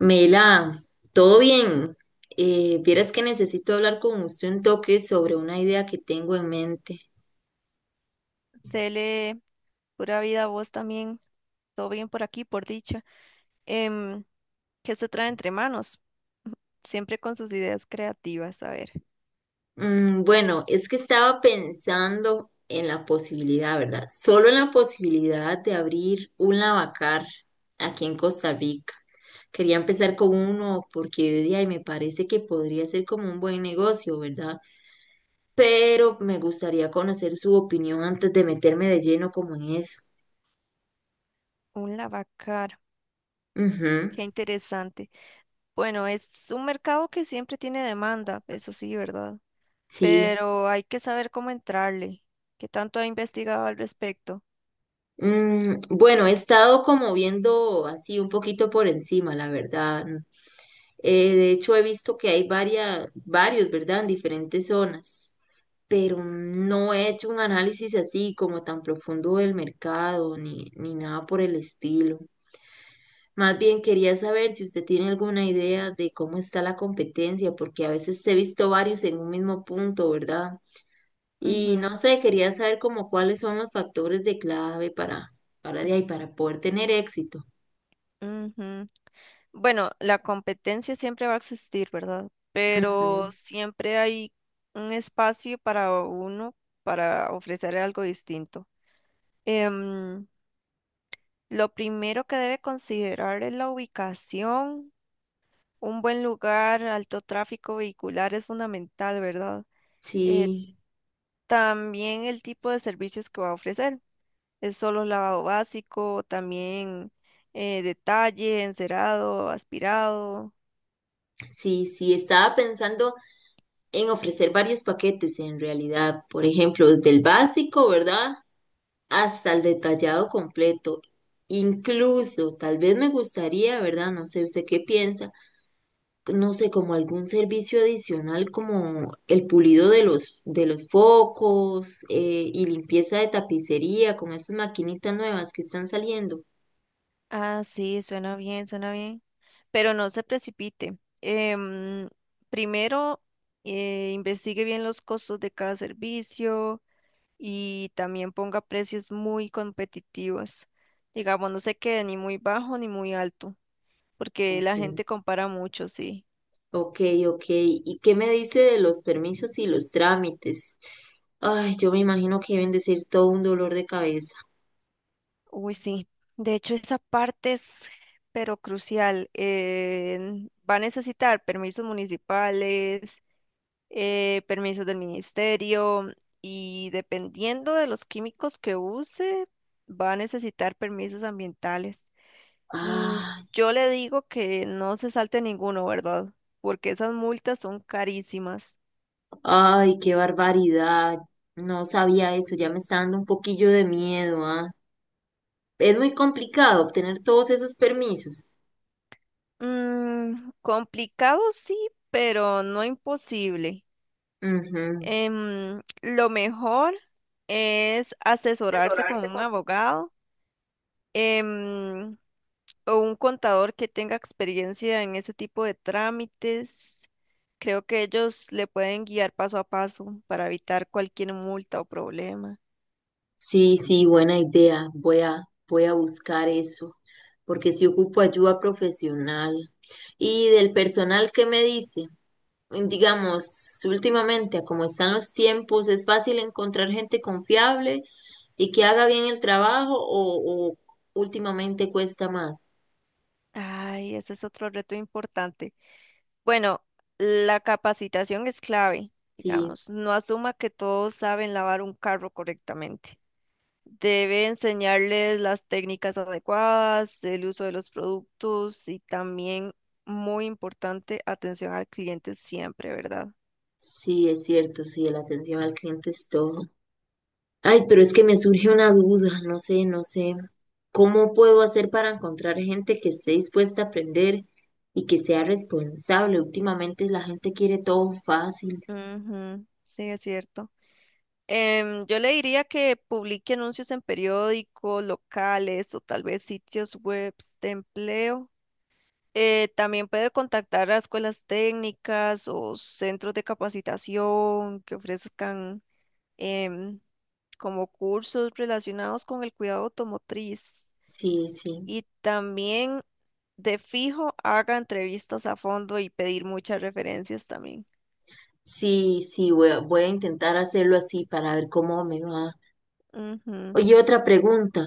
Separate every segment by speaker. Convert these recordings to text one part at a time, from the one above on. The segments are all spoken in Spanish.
Speaker 1: Mela, todo bien. Vieras que necesito hablar con usted un toque sobre una idea que tengo en mente.
Speaker 2: Cele, pura vida a vos también. Todo bien por aquí, por dicha. Em, ¿Qué se trae entre manos? Siempre con sus ideas creativas. A ver,
Speaker 1: Bueno, es que estaba pensando en la posibilidad, ¿verdad? Solo en la posibilidad de abrir un lavacar aquí en Costa Rica. Quería empezar con uno porque de ahí me parece que podría ser como un buen negocio, ¿verdad? Pero me gustaría conocer su opinión antes de meterme de lleno como en eso.
Speaker 2: un lavacar.
Speaker 1: Ujú,
Speaker 2: Qué interesante. Bueno, es un mercado que siempre tiene demanda, eso sí, ¿verdad?
Speaker 1: sí.
Speaker 2: Pero hay que saber cómo entrarle. ¿Qué tanto ha investigado al respecto?
Speaker 1: Bueno, he estado como viendo así un poquito por encima, la verdad. De hecho, he visto que hay varias, varios, ¿verdad? En diferentes zonas, pero no he hecho un análisis así como tan profundo del mercado ni nada por el estilo. Más bien quería saber si usted tiene alguna idea de cómo está la competencia, porque a veces he visto varios en un mismo punto, ¿verdad? Y no
Speaker 2: Ujú,
Speaker 1: sé, quería saber como cuáles son los factores de clave para de ahí, para poder tener éxito.
Speaker 2: ujú. Bueno, la competencia siempre va a existir, ¿verdad? Pero
Speaker 1: Ujú.
Speaker 2: siempre hay un espacio para uno para ofrecer algo distinto. Em, lo primero que debe considerar es la ubicación. Un buen lugar, alto tráfico vehicular es fundamental, ¿verdad? Eh,
Speaker 1: Sí,
Speaker 2: También el tipo de servicios que va a ofrecer. Es solo lavado básico, también detalle, encerado, aspirado.
Speaker 1: sí, sí, estaba pensando en ofrecer varios paquetes en realidad, por ejemplo, desde el básico, ¿verdad? Hasta el detallado completo. Incluso, tal vez me gustaría, ¿verdad? No sé, ¿usted qué piensa? No sé, como algún servicio adicional como el pulido de los focos y limpieza de tapicería, como estas maquinitas nuevas que están saliendo.
Speaker 2: Ah, sí, suena bien, pero no se precipite. Primero, investigue bien los costos de cada servicio y también ponga precios muy competitivos. Digamos, no se quede ni muy bajo ni muy alto, porque la
Speaker 1: Ok.
Speaker 2: gente compara mucho, sí.
Speaker 1: Ok, ok. ¿Y qué me dice de los permisos y los trámites? Ay, yo me imagino que deben de ser todo un dolor de cabeza.
Speaker 2: Uy, sí. De hecho, esa parte es, pero crucial. Va a necesitar permisos municipales, permisos del ministerio y dependiendo de los químicos que use, va a necesitar permisos ambientales. Mm,
Speaker 1: Ay,
Speaker 2: yo le digo que no se salte ninguno, ¿verdad? Porque esas multas son carísimas.
Speaker 1: ay, qué barbaridad. No sabía eso, ya me está dando un poquillo de miedo, ¿ah? Es muy complicado obtener todos esos permisos.
Speaker 2: Mm, complicado sí, pero no imposible.
Speaker 1: Ujú.
Speaker 2: Lo mejor es asesorarse con
Speaker 1: Asesorarse
Speaker 2: un
Speaker 1: con...
Speaker 2: abogado. Em, o un contador que tenga experiencia en ese tipo de trámites. Creo que ellos le pueden guiar paso a paso para evitar cualquier multa o problema.
Speaker 1: Sí, sí, buena idea. Voy a buscar eso, porque si ocupo ayuda profesional. Y del personal, ¿qué me dice? Digamos, últimamente, a como están los tiempos, ¿es fácil encontrar gente confiable y que haga bien el trabajo o últimamente cuesta más?
Speaker 2: Ay, ese es otro reto importante. Bueno, la capacitación es clave,
Speaker 1: Sí,
Speaker 2: digamos. No asuma que todos saben lavar un carro correctamente. Debe enseñarles las técnicas adecuadas, el uso de los productos y también, muy importante, atención al cliente siempre, ¿verdad?
Speaker 1: sí, es cierto, sí, la atención al cliente es todo. Ay, pero es que me surge una duda, no sé, no sé. ¿Cómo puedo hacer para encontrar gente que esté dispuesta a aprender y que sea responsable? Últimamente la gente quiere todo fácil.
Speaker 2: Ujú, sí, es cierto. Yo le diría que publique anuncios en periódicos, locales o tal vez sitios web de empleo. También puede contactar a escuelas técnicas o centros de capacitación que ofrezcan em, como cursos relacionados con el cuidado automotriz.
Speaker 1: Sí, sí.
Speaker 2: Y también de fijo haga entrevistas a fondo y pedir muchas referencias también.
Speaker 1: Sí, sí, voy a intentar hacerlo así para ver cómo me va. Oye, otra pregunta.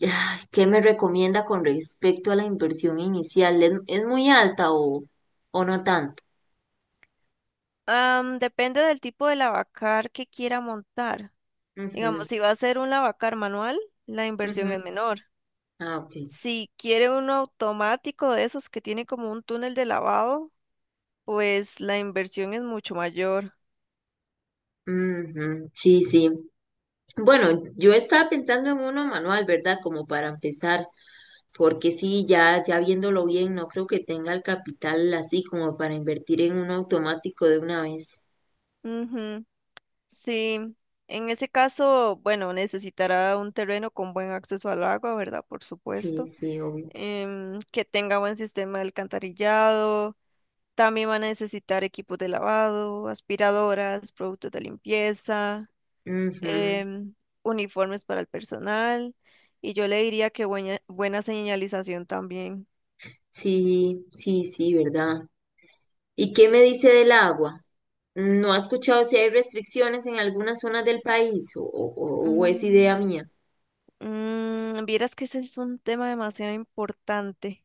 Speaker 1: Ay, ¿qué me recomienda con respecto a la inversión inicial? ¿Es muy alta o no tanto?
Speaker 2: Depende del tipo de lavacar que quiera montar.
Speaker 1: Ujú,
Speaker 2: Digamos, si va a ser un lavacar manual, la inversión
Speaker 1: ujú.
Speaker 2: es menor.
Speaker 1: Ah, ok.
Speaker 2: Si quiere uno automático de esos que tiene como un túnel de lavado, pues la inversión es mucho mayor.
Speaker 1: Ujú, sí, sí. Bueno, yo estaba pensando en uno manual, ¿verdad? Como para empezar, porque sí, ya, ya viéndolo bien, no creo que tenga el capital así como para invertir en uno automático de una vez.
Speaker 2: Ujú, sí, en ese caso, bueno, necesitará un terreno con buen acceso al agua, ¿verdad? Por
Speaker 1: Sí,
Speaker 2: supuesto.
Speaker 1: sí, obvio.
Speaker 2: Que tenga buen sistema de alcantarillado. También van a necesitar equipos de lavado, aspiradoras, productos de limpieza,
Speaker 1: Ujú.
Speaker 2: em, uniformes para el personal. Y yo le diría que buena señalización también.
Speaker 1: Sí, sí, sí, ¿verdad? ¿Y qué me dice del agua? ¿No ha escuchado si hay restricciones en algunas zonas del país o es idea
Speaker 2: Mm,
Speaker 1: mía?
Speaker 2: mm, vieras que ese es un tema demasiado importante.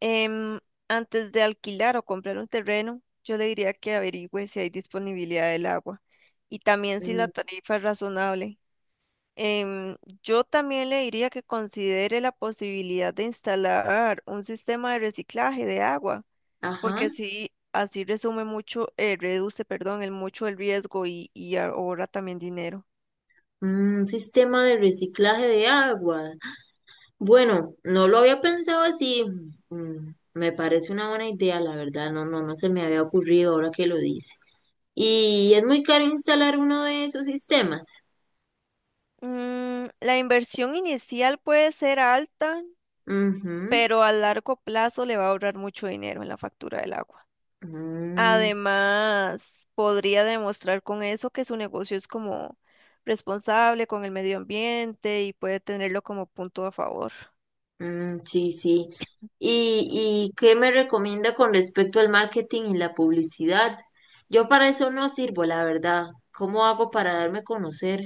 Speaker 2: Em, Antes de alquilar o comprar un terreno, yo le diría que averigüe si hay disponibilidad del agua y también si la
Speaker 1: Mm,
Speaker 2: tarifa es razonable. Em, yo también le diría que considere la posibilidad de instalar un sistema de reciclaje de agua, porque
Speaker 1: ajá,
Speaker 2: así resume mucho, reduce, perdón, el mucho el riesgo y ahorra también dinero.
Speaker 1: mm, un sistema de reciclaje de agua. Bueno, no lo había pensado así. Mm, me parece una buena idea, la verdad. No, no, no se me había ocurrido ahora que lo dice. Y es muy caro instalar uno de esos sistemas.
Speaker 2: Mm, la inversión inicial puede ser alta,
Speaker 1: Ujú,
Speaker 2: pero a largo plazo le va a ahorrar mucho dinero en la factura del agua.
Speaker 1: mm,
Speaker 2: Además, podría demostrar con eso que su negocio es como responsable con el medio ambiente y puede tenerlo como punto a favor.
Speaker 1: mm, sí, sí. ¿Y qué me recomienda con respecto al marketing y la publicidad? Yo para eso no sirvo, la verdad. ¿Cómo hago para darme a conocer?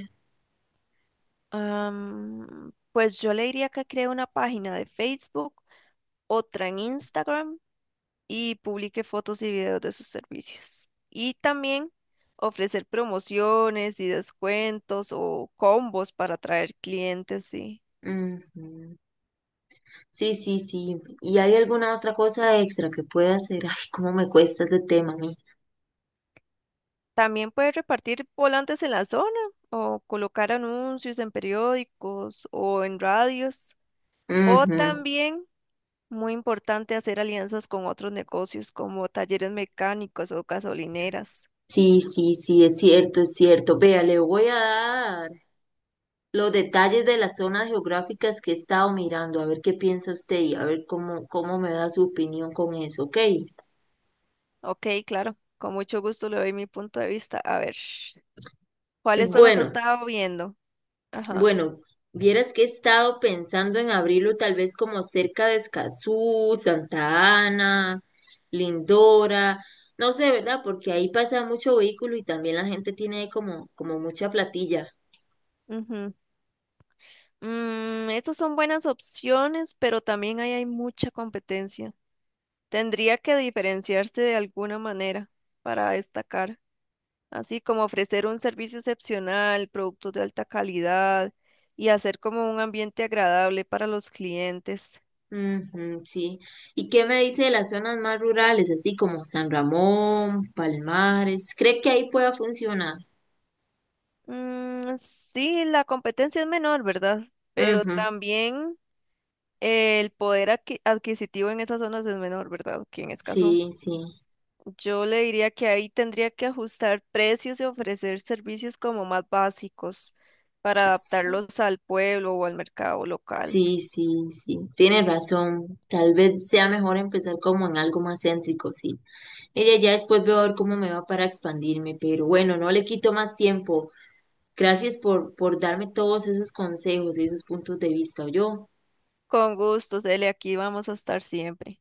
Speaker 2: Pues yo le diría que cree una página de Facebook, otra en Instagram y publique fotos y videos de sus servicios. Y también ofrecer promociones y descuentos o combos para atraer clientes, sí.
Speaker 1: Ujú. Sí, sí, sí. ¿Y hay alguna otra cosa extra que pueda hacer? Ay, cómo me cuesta ese tema a mí.
Speaker 2: También puede repartir volantes en la zona o colocar anuncios en periódicos o en radios. O
Speaker 1: Ujú.
Speaker 2: también, muy importante, hacer alianzas con otros negocios como talleres mecánicos o gasolineras.
Speaker 1: Sí, sí, sí, es cierto, es cierto. Vea, le voy a dar los detalles de las zonas geográficas que he estado mirando, a ver qué piensa usted y a ver cómo, cómo me da su opinión con eso, ¿ok?
Speaker 2: Ok, claro, con mucho gusto le doy mi punto de vista. A ver, ¿cuáles zonas has
Speaker 1: Bueno,
Speaker 2: estado viendo? Ajá.
Speaker 1: bueno, vieras que he estado pensando en abrirlo tal vez como cerca de Escazú, Santa Ana, Lindora, no sé, ¿verdad? Porque ahí pasa mucho vehículo y también la gente tiene como, como mucha platilla.
Speaker 2: Ujú. Mm, estas son buenas opciones, pero también ahí hay mucha competencia. Tendría que diferenciarse de alguna manera para destacar, así como ofrecer un servicio excepcional, productos de alta calidad y hacer como un ambiente agradable para los clientes.
Speaker 1: Ujú, sí. ¿Y qué me dice de las zonas más rurales, así como San Ramón, Palmares? ¿Cree que ahí pueda funcionar?
Speaker 2: Mm, sí, la competencia es menor, ¿verdad? Pero
Speaker 1: Ujú,
Speaker 2: también el adquisitivo en esas zonas es menor, ¿verdad? Que en Escazú.
Speaker 1: sí, sí.
Speaker 2: Yo le diría que ahí tendría que ajustar precios y ofrecer servicios como más básicos para
Speaker 1: S-
Speaker 2: adaptarlos al pueblo o al mercado local.
Speaker 1: Sí, sí, sí. Tiene razón. Tal vez sea mejor empezar como en algo más céntrico, sí. Ella ya después veo a ver cómo me va para expandirme, pero bueno, no le quito más tiempo. Gracias por darme todos esos consejos y esos puntos de vista, yo.
Speaker 2: Con gusto, Cele, aquí vamos a estar siempre.